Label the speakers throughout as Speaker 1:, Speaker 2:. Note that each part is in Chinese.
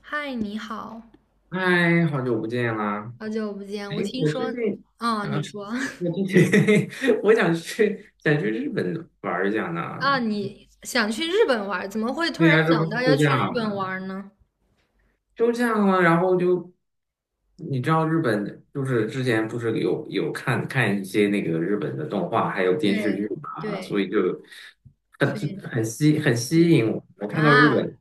Speaker 1: 嗨，你好，
Speaker 2: 嗨，好久不见啦！
Speaker 1: 好久不见。
Speaker 2: 哎，
Speaker 1: 我听
Speaker 2: 我最
Speaker 1: 说，
Speaker 2: 近，
Speaker 1: 啊，
Speaker 2: 啊，
Speaker 1: 你说
Speaker 2: 我最近 我想去日本玩一下呢。
Speaker 1: 啊，你想去日本玩儿，怎么会突
Speaker 2: 对
Speaker 1: 然
Speaker 2: 呀，这不
Speaker 1: 想
Speaker 2: 是
Speaker 1: 到要
Speaker 2: 休
Speaker 1: 去
Speaker 2: 假
Speaker 1: 日
Speaker 2: 了吗？
Speaker 1: 本玩儿呢？
Speaker 2: 休假了，然后就你知道日本就是之前不是有看一些那个日本的动画还有电视
Speaker 1: 对
Speaker 2: 剧嘛，所
Speaker 1: 对，
Speaker 2: 以就很
Speaker 1: 所以
Speaker 2: 很
Speaker 1: 对
Speaker 2: 吸引我。我看到日
Speaker 1: 啊，
Speaker 2: 本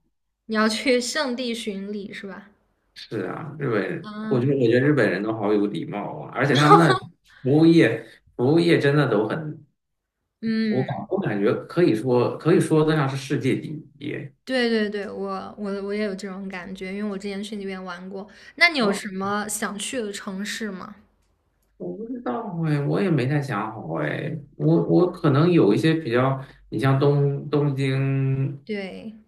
Speaker 1: 你要去圣地巡礼是吧？
Speaker 2: 是啊，日本，我觉得我
Speaker 1: 啊，
Speaker 2: 觉得日本人都好有礼貌啊，而且他们那服务业服务业真的都很。我感
Speaker 1: 嗯，
Speaker 2: 我感觉可以说得上是世界第一。
Speaker 1: 对对对，我也有这种感觉，因为我之前去那边玩过。那你有
Speaker 2: 哦，
Speaker 1: 什么想去的城市吗？
Speaker 2: 我不知道哎，我也没太想好哎。我可能有一些比较，你像东京，
Speaker 1: 对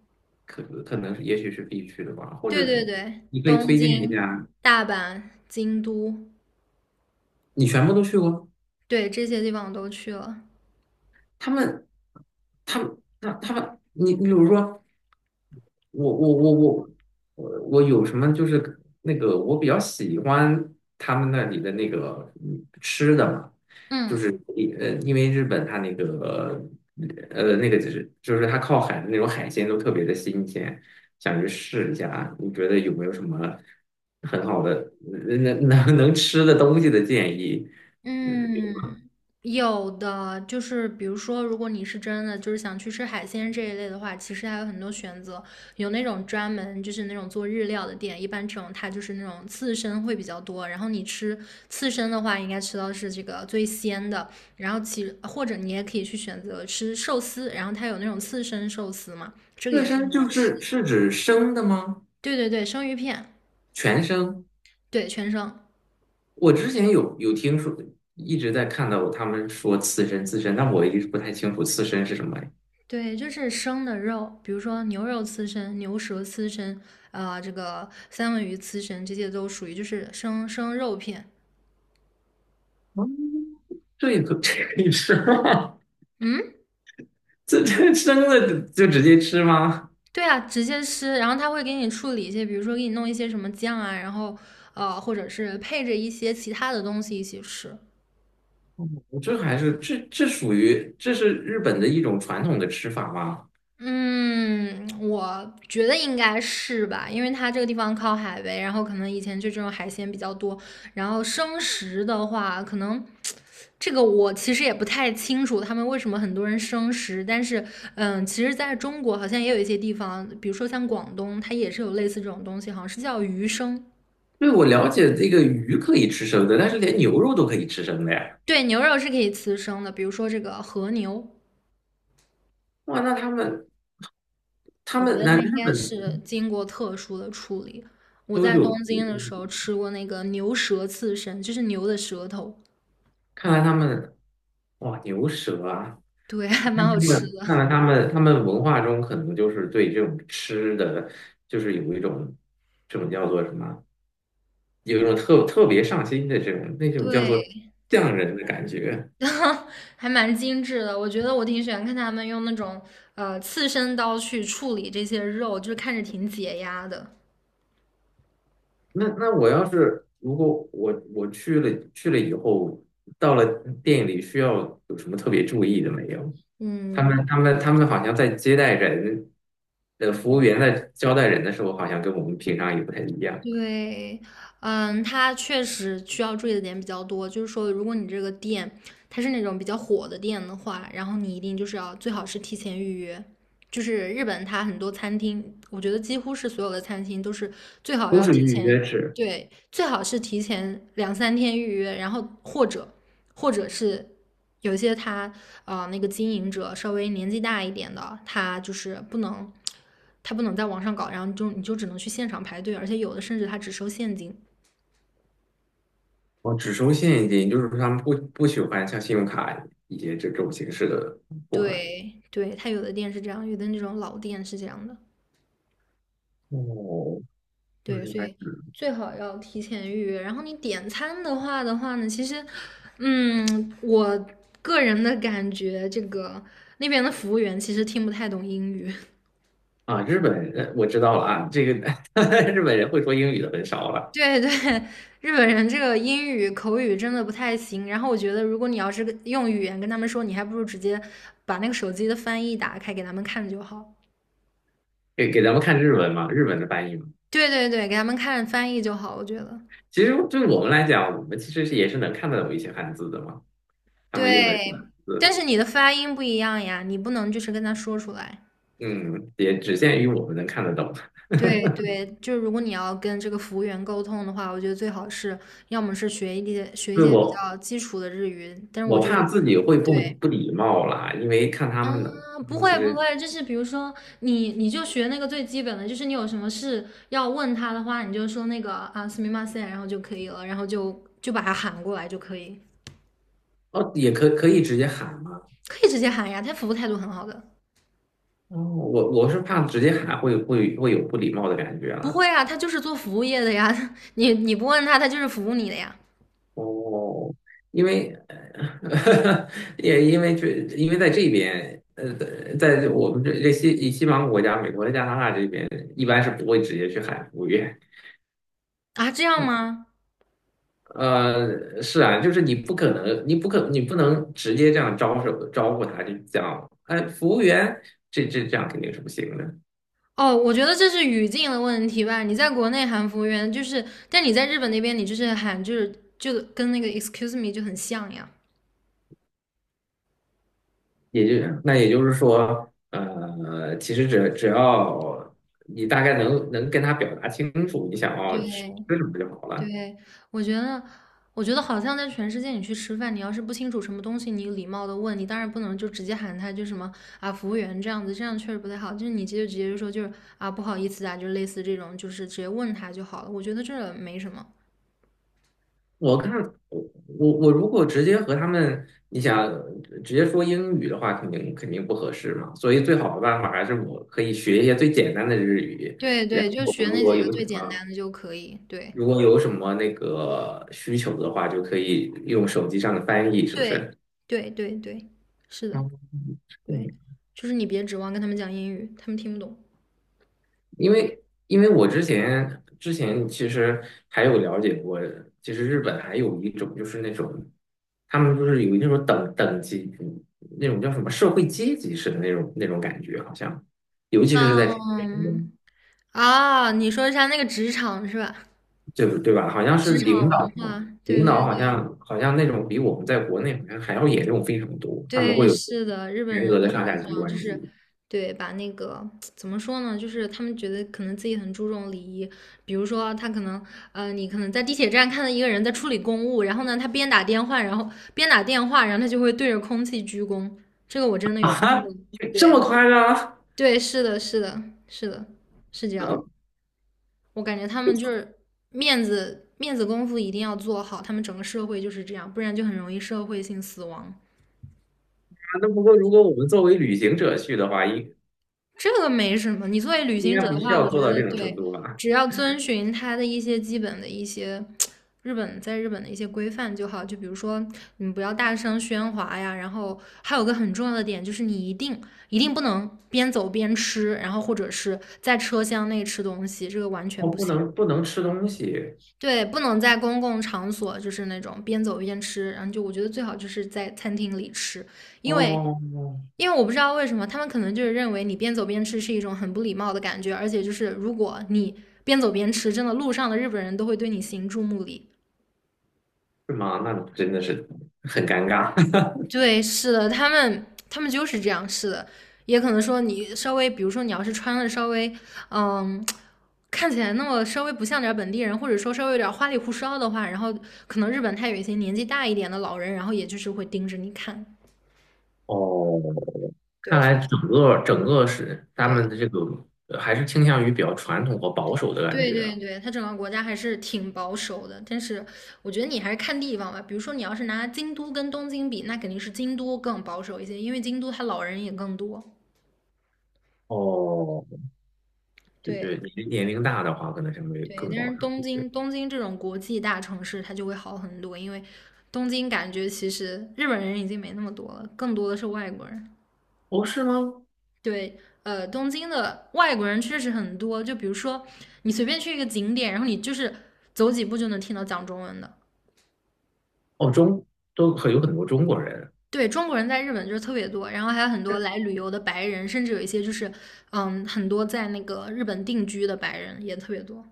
Speaker 2: 可能也许是必去的吧，或者
Speaker 1: 对对对，
Speaker 2: 你可以
Speaker 1: 东
Speaker 2: 推荐一
Speaker 1: 京、
Speaker 2: 下。
Speaker 1: 大阪、京都，
Speaker 2: 你全部都去过？
Speaker 1: 对，这些地方我都去了。
Speaker 2: 他们，他们，他们，你比如说，我我我我我有什么就是那个我比较喜欢他们那里的那个吃的嘛，就
Speaker 1: 嗯
Speaker 2: 是呃，因为日本它那个就是它靠海的那种海鲜都特别的新鲜，想去试一下啊，你觉得有没有什么很好的能吃的东西的建议？
Speaker 1: 嗯，有的就是比如说，如果你是真的就是想去吃海鲜这一类的话，其实还有很多选择，有那种专门就是那种做日料的店，一般这种它就是那种刺身会比较多，然后你吃刺身的话，应该吃到是这个最鲜的，然后其或者你也可以去选择吃寿司，然后它有那种刺身寿司嘛，这个
Speaker 2: 刺
Speaker 1: 也是
Speaker 2: 身
Speaker 1: 很好
Speaker 2: 就
Speaker 1: 吃
Speaker 2: 是
Speaker 1: 的。
Speaker 2: 是指生的吗？
Speaker 1: 对对对，生鱼片，
Speaker 2: 全生？
Speaker 1: 对，全生。
Speaker 2: 我之前有听说，一直在看到他们说刺身，但我一直不太清楚刺身是什么呀。
Speaker 1: 对，就是生的肉，比如说牛肉刺身、牛舌刺身，啊、这个三文鱼刺身，这些都属于就是生肉片。
Speaker 2: 哦 这也可以吃吗？
Speaker 1: 嗯，
Speaker 2: 这这生的就直接吃吗？
Speaker 1: 对啊，直接吃。然后他会给你处理一些，比如说给你弄一些什么酱啊，然后或者是配着一些其他的东西一起吃。
Speaker 2: 哦，这还是这属于这是日本的一种传统的吃法吗？
Speaker 1: 嗯，我觉得应该是吧，因为它这个地方靠海呗，然后可能以前就这种海鲜比较多，然后生食的话，可能这个我其实也不太清楚他们为什么很多人生食，但是嗯，其实在中国好像也有一些地方，比如说像广东，它也是有类似这种东西，好像是叫鱼生，
Speaker 2: 对，我了解这个鱼可以吃生的，但是连牛肉都可以吃生的呀。
Speaker 1: 对，牛肉是可以吃生的，比如说这个和牛。
Speaker 2: 哇，那他们他
Speaker 1: 我觉
Speaker 2: 们
Speaker 1: 得
Speaker 2: 那
Speaker 1: 它应
Speaker 2: 日
Speaker 1: 该
Speaker 2: 本
Speaker 1: 是经过特殊的处理。我
Speaker 2: 都
Speaker 1: 在东
Speaker 2: 有，
Speaker 1: 京的时候吃过那个牛舌刺身，就是牛的舌头，
Speaker 2: 看来他们哇牛舌啊。
Speaker 1: 对，还蛮
Speaker 2: 看
Speaker 1: 好
Speaker 2: 他
Speaker 1: 吃
Speaker 2: 们看
Speaker 1: 的。
Speaker 2: 来他们他们文化中可能就是对这种吃的，就是有一种这种叫做什么，有一种特别上心的这种那种叫
Speaker 1: 对
Speaker 2: 做
Speaker 1: 对，
Speaker 2: 匠人的感觉。
Speaker 1: 然后还蛮精致的。我觉得我挺喜欢看他们用那种刺身刀去处理这些肉，就是看着挺解压的。
Speaker 2: 那我要是如果我去了以后，到了店里需要有什么特别注意的没有？他
Speaker 1: 嗯，
Speaker 2: 们他们他们好像在接待人，呃，服务
Speaker 1: 嗯
Speaker 2: 员在招待人的时候，好像跟我们平常也不太一样，
Speaker 1: 对，嗯，它确实需要注意的点比较多。就是说，如果你这个店它是那种比较火的店的话，然后你一定就是要最好是提前预约。就是日本它很多餐厅，我觉得几乎是所有的餐厅都是最好
Speaker 2: 都
Speaker 1: 要
Speaker 2: 是
Speaker 1: 提
Speaker 2: 预
Speaker 1: 前，
Speaker 2: 约制。
Speaker 1: 对，最好是提前两三天预约，然后或者是有些那个经营者稍微年纪大一点的，他就是不能，他不能在网上搞，然后就你就只能去现场排队，而且有的甚至他只收现金。
Speaker 2: 我只收现金，就是说他们不喜欢像信用卡以及这种形式的付款。
Speaker 1: 对对，他有的店是这样，有的那种老店是这样的。
Speaker 2: 哦，那
Speaker 1: 对，
Speaker 2: 明
Speaker 1: 所
Speaker 2: 白
Speaker 1: 以最好要提前预约。然后你点餐的话呢，其实，嗯，我个人的感觉，这个那边的服务员其实听不太懂英语。
Speaker 2: 啊，日本人我知道了啊，这个 日本人会说英语的很少了。
Speaker 1: 对 对，日本人这个英语口语真的不太行。然后我觉得，如果你要是跟用语言跟他们说，你还不如直接把那个手机的翻译打开给他们看就好。
Speaker 2: 给给咱们看日文嘛，日文的翻译嘛。
Speaker 1: 对对对，给他们看翻译就好，我觉得。
Speaker 2: 其实对我们来讲，我们其实是也是能看得懂一些汉字的嘛，他们用的日本
Speaker 1: 对，但
Speaker 2: 字，
Speaker 1: 是你的发音不一样呀，你不能就是跟他说出来。
Speaker 2: 嗯，也只限于我们能看得懂。
Speaker 1: 对对，就是如果你要跟这个服务员沟通的话，我觉得最好是要么是学一
Speaker 2: 对
Speaker 1: 些比
Speaker 2: 我，
Speaker 1: 较基础的日语，但是我
Speaker 2: 我
Speaker 1: 觉得
Speaker 2: 怕自己会
Speaker 1: 对。
Speaker 2: 不礼貌啦，因为看他
Speaker 1: 啊，
Speaker 2: 们的，
Speaker 1: 不
Speaker 2: 其
Speaker 1: 会不
Speaker 2: 实
Speaker 1: 会，就是比如说你就学那个最基本的，就是你有什么事要问他的话，你就说那个啊すみません，然后就可以了，然后就把他喊过来就可以，
Speaker 2: 哦，也可以直接喊嘛。
Speaker 1: 可以直接喊呀，他服务态度很好的。
Speaker 2: 哦，我我是怕直接喊会有不礼貌的感觉
Speaker 1: 不
Speaker 2: 了。
Speaker 1: 会啊，他就是做服务业的呀，你不问他，他就是服务你的呀。
Speaker 2: 哦，因为呃 也因为这因为在这边呃，在我们这西方国家，美国的加拿大这边一般是不会直接去喊服务员。
Speaker 1: 啊，这样吗？
Speaker 2: 呃，是啊，就是你不可能，你不能直接这样招手招呼他，就讲，哎，服务员，这样肯定是不行的。
Speaker 1: 哦，我觉得这是语境的问题吧。你在国内喊服务员就是，但你在日本那边，你就是喊就跟那个 excuse me 就很像呀。
Speaker 2: 也就是说，呃，其实只要你大概能跟他表达清楚你想要吃
Speaker 1: 对
Speaker 2: 吃什么就好了。
Speaker 1: 对，我觉得，我觉得好像在全世界，你去吃饭，你要是不清楚什么东西，你礼貌的问，你当然不能就直接喊他就什么啊服务员这样子，这样确实不太好。就是你直接就说就是啊不好意思啊，就类似这种，就是直接问他就好了。我觉得这没什么。
Speaker 2: 我看我我如果直接和他们，你想直接说英语的话，肯定不合适嘛。所以最好的办法还是我可以学一些最简单的日语，
Speaker 1: 对
Speaker 2: 然
Speaker 1: 对，就
Speaker 2: 后
Speaker 1: 学那几个最简单的就可以。对
Speaker 2: 如果有什么那个需求的话，就可以用手机上的翻译，是不
Speaker 1: 对
Speaker 2: 是？
Speaker 1: 对对对，是的，对，
Speaker 2: 嗯，
Speaker 1: 就是你别指望跟他们讲英语，他们听不懂。
Speaker 2: 因为我之前其实还有了解过，其实日本还有一种就是那种，他们就是有那种等级，那种叫什么社会阶级式的那种感觉，好像，尤其是在
Speaker 1: 嗯啊，你说一下那个职场是吧？
Speaker 2: 就是对吧？好像是
Speaker 1: 职场
Speaker 2: 领
Speaker 1: 文
Speaker 2: 导
Speaker 1: 化，对对
Speaker 2: 好
Speaker 1: 对
Speaker 2: 像那种比我们在国内好像还要严重非常多，他们
Speaker 1: 对，
Speaker 2: 会有
Speaker 1: 是的，日本
Speaker 2: 严
Speaker 1: 人
Speaker 2: 格的
Speaker 1: 他
Speaker 2: 上
Speaker 1: 们
Speaker 2: 下
Speaker 1: 是这
Speaker 2: 级
Speaker 1: 样，就
Speaker 2: 关
Speaker 1: 是
Speaker 2: 系
Speaker 1: 对把那个怎么说呢，就是他们觉得可能自己很注重礼仪，比如说他可能你可能在地铁站看到一个人在处理公务，然后呢，他边打电话，然后边打电话，然后他就会对着空气鞠躬，这个我真的有看
Speaker 2: 啊，
Speaker 1: 过，
Speaker 2: 这么
Speaker 1: 对
Speaker 2: 夸张？
Speaker 1: 对，是的，是的，是的，是这样的，
Speaker 2: 呃，
Speaker 1: 我感觉他们就是面子功夫一定要做好，他们整个社会就是这样，不然就很容易社会性死亡。
Speaker 2: 那不过如果我们作为旅行者去的话，
Speaker 1: 这个没什么。你作为旅
Speaker 2: 应
Speaker 1: 行者
Speaker 2: 该不
Speaker 1: 的
Speaker 2: 需
Speaker 1: 话，
Speaker 2: 要
Speaker 1: 我觉
Speaker 2: 做到
Speaker 1: 得
Speaker 2: 这种程
Speaker 1: 对，
Speaker 2: 度吧？
Speaker 1: 只要遵循它的一些基本的一些在日本的一些规范就好。就比如说，你不要大声喧哗呀。然后还有个很重要的点就是，你一定不能边走边吃，然后或者是在车厢内吃东西，这个完全
Speaker 2: 哦，
Speaker 1: 不行。
Speaker 2: 不能吃东西
Speaker 1: 对，不能在公共场所就是那种边走边吃，然后就我觉得最好就是在餐厅里吃，因为
Speaker 2: 哦，
Speaker 1: 我不知道为什么，他们可能就是认为你边走边吃是一种很不礼貌的感觉，而且就是如果你边走边吃，真的路上的日本人都会对你行注目礼。
Speaker 2: 是吗？那真的是很尴尬
Speaker 1: 对，是的，他们就是这样，是的。也可能说你稍微，比如说你要是穿的稍微，嗯，看起来那么稍微不像点本地人，或者说稍微有点花里胡哨的话，然后可能日本他有一些年纪大一点的老人，然后也就是会盯着你看。
Speaker 2: 哦。
Speaker 1: 对
Speaker 2: 看来整个是他们
Speaker 1: 对，
Speaker 2: 的这个呃还是倾向于比较传统和保守的感
Speaker 1: 对
Speaker 2: 觉啊
Speaker 1: 对对，它整个国家还是挺保守的，但是我觉得你还是看地方吧。比如说，你要是拿京都跟东京比，那肯定是京都更保守一些，因为京都它老人也更多。
Speaker 2: 哦，对
Speaker 1: 对
Speaker 2: 对，年龄大的话，可能相对
Speaker 1: 对，
Speaker 2: 更
Speaker 1: 但
Speaker 2: 保
Speaker 1: 是
Speaker 2: 守。对，
Speaker 1: 东京这种国际大城市，它就会好很多，因为东京感觉其实日本人已经没那么多了，更多的是外国人。
Speaker 2: 哦，是吗？
Speaker 1: 对，呃，东京的外国人确实很多，就比如说你随便去一个景点，然后你就是走几步就能听到讲中文的。
Speaker 2: 哦，中都很有很多中国人，
Speaker 1: 对，中国人在日本就是特别多，然后还有很多来旅游的白人，甚至有一些就是，嗯，很多在那个日本定居的白人也特别多。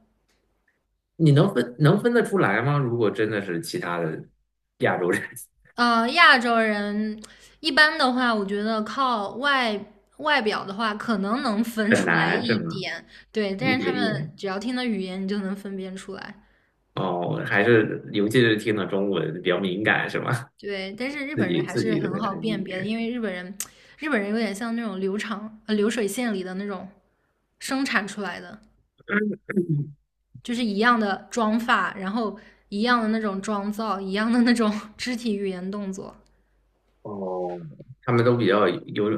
Speaker 2: 你能分得出来吗？如果真的是其他的亚洲人，
Speaker 1: 呃，亚洲人一般的话，我觉得靠外表的话，可能能 分
Speaker 2: 很
Speaker 1: 出来
Speaker 2: 难是
Speaker 1: 一
Speaker 2: 吗？
Speaker 1: 点，对，
Speaker 2: 一
Speaker 1: 但是他
Speaker 2: 点
Speaker 1: 们
Speaker 2: 点。
Speaker 1: 只要听的语言，你就能分辨出来。
Speaker 2: 哦，还是尤其是听了中文比较敏感是吗？
Speaker 1: 对，但是 日
Speaker 2: 自
Speaker 1: 本人
Speaker 2: 己
Speaker 1: 还
Speaker 2: 自
Speaker 1: 是
Speaker 2: 己的
Speaker 1: 很
Speaker 2: 会难
Speaker 1: 好
Speaker 2: 理
Speaker 1: 辨别的，
Speaker 2: 解。
Speaker 1: 因为日本人，日本人有点像那种流水线里的那种生产出来的。
Speaker 2: 嗯
Speaker 1: 就是一样的妆发，然后一样的那种妆造，一样的那种 肢体语言动作
Speaker 2: 哦，他们都比较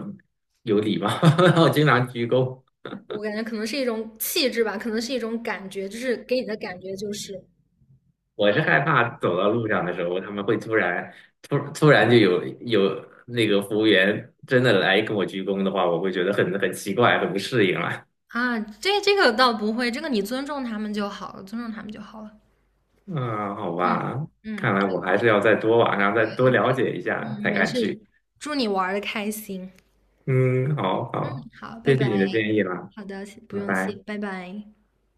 Speaker 2: 有礼貌，我经常鞠躬。
Speaker 1: 我感觉可能是一种气质吧，可能是一种感觉，就是给你的感觉就是
Speaker 2: 我是害怕走到路上的时候，他们会突然就有那个服务员真的来跟我鞠躬的话，我会觉得很奇怪，很不适应了。
Speaker 1: 啊。这个倒不会，这个你尊重他们就好了，尊重他们就好了。
Speaker 2: 嗯，好
Speaker 1: 嗯
Speaker 2: 吧，看
Speaker 1: 嗯
Speaker 2: 来我还是要再多网上再多了解一下
Speaker 1: 嗯，
Speaker 2: 才
Speaker 1: 没
Speaker 2: 敢
Speaker 1: 事，
Speaker 2: 去。
Speaker 1: 祝你玩的开心。
Speaker 2: 嗯，好好，
Speaker 1: 好，拜
Speaker 2: 谢谢
Speaker 1: 拜。
Speaker 2: 你的建议啦，
Speaker 1: 好的，不
Speaker 2: 拜
Speaker 1: 用
Speaker 2: 拜。
Speaker 1: 谢，拜拜。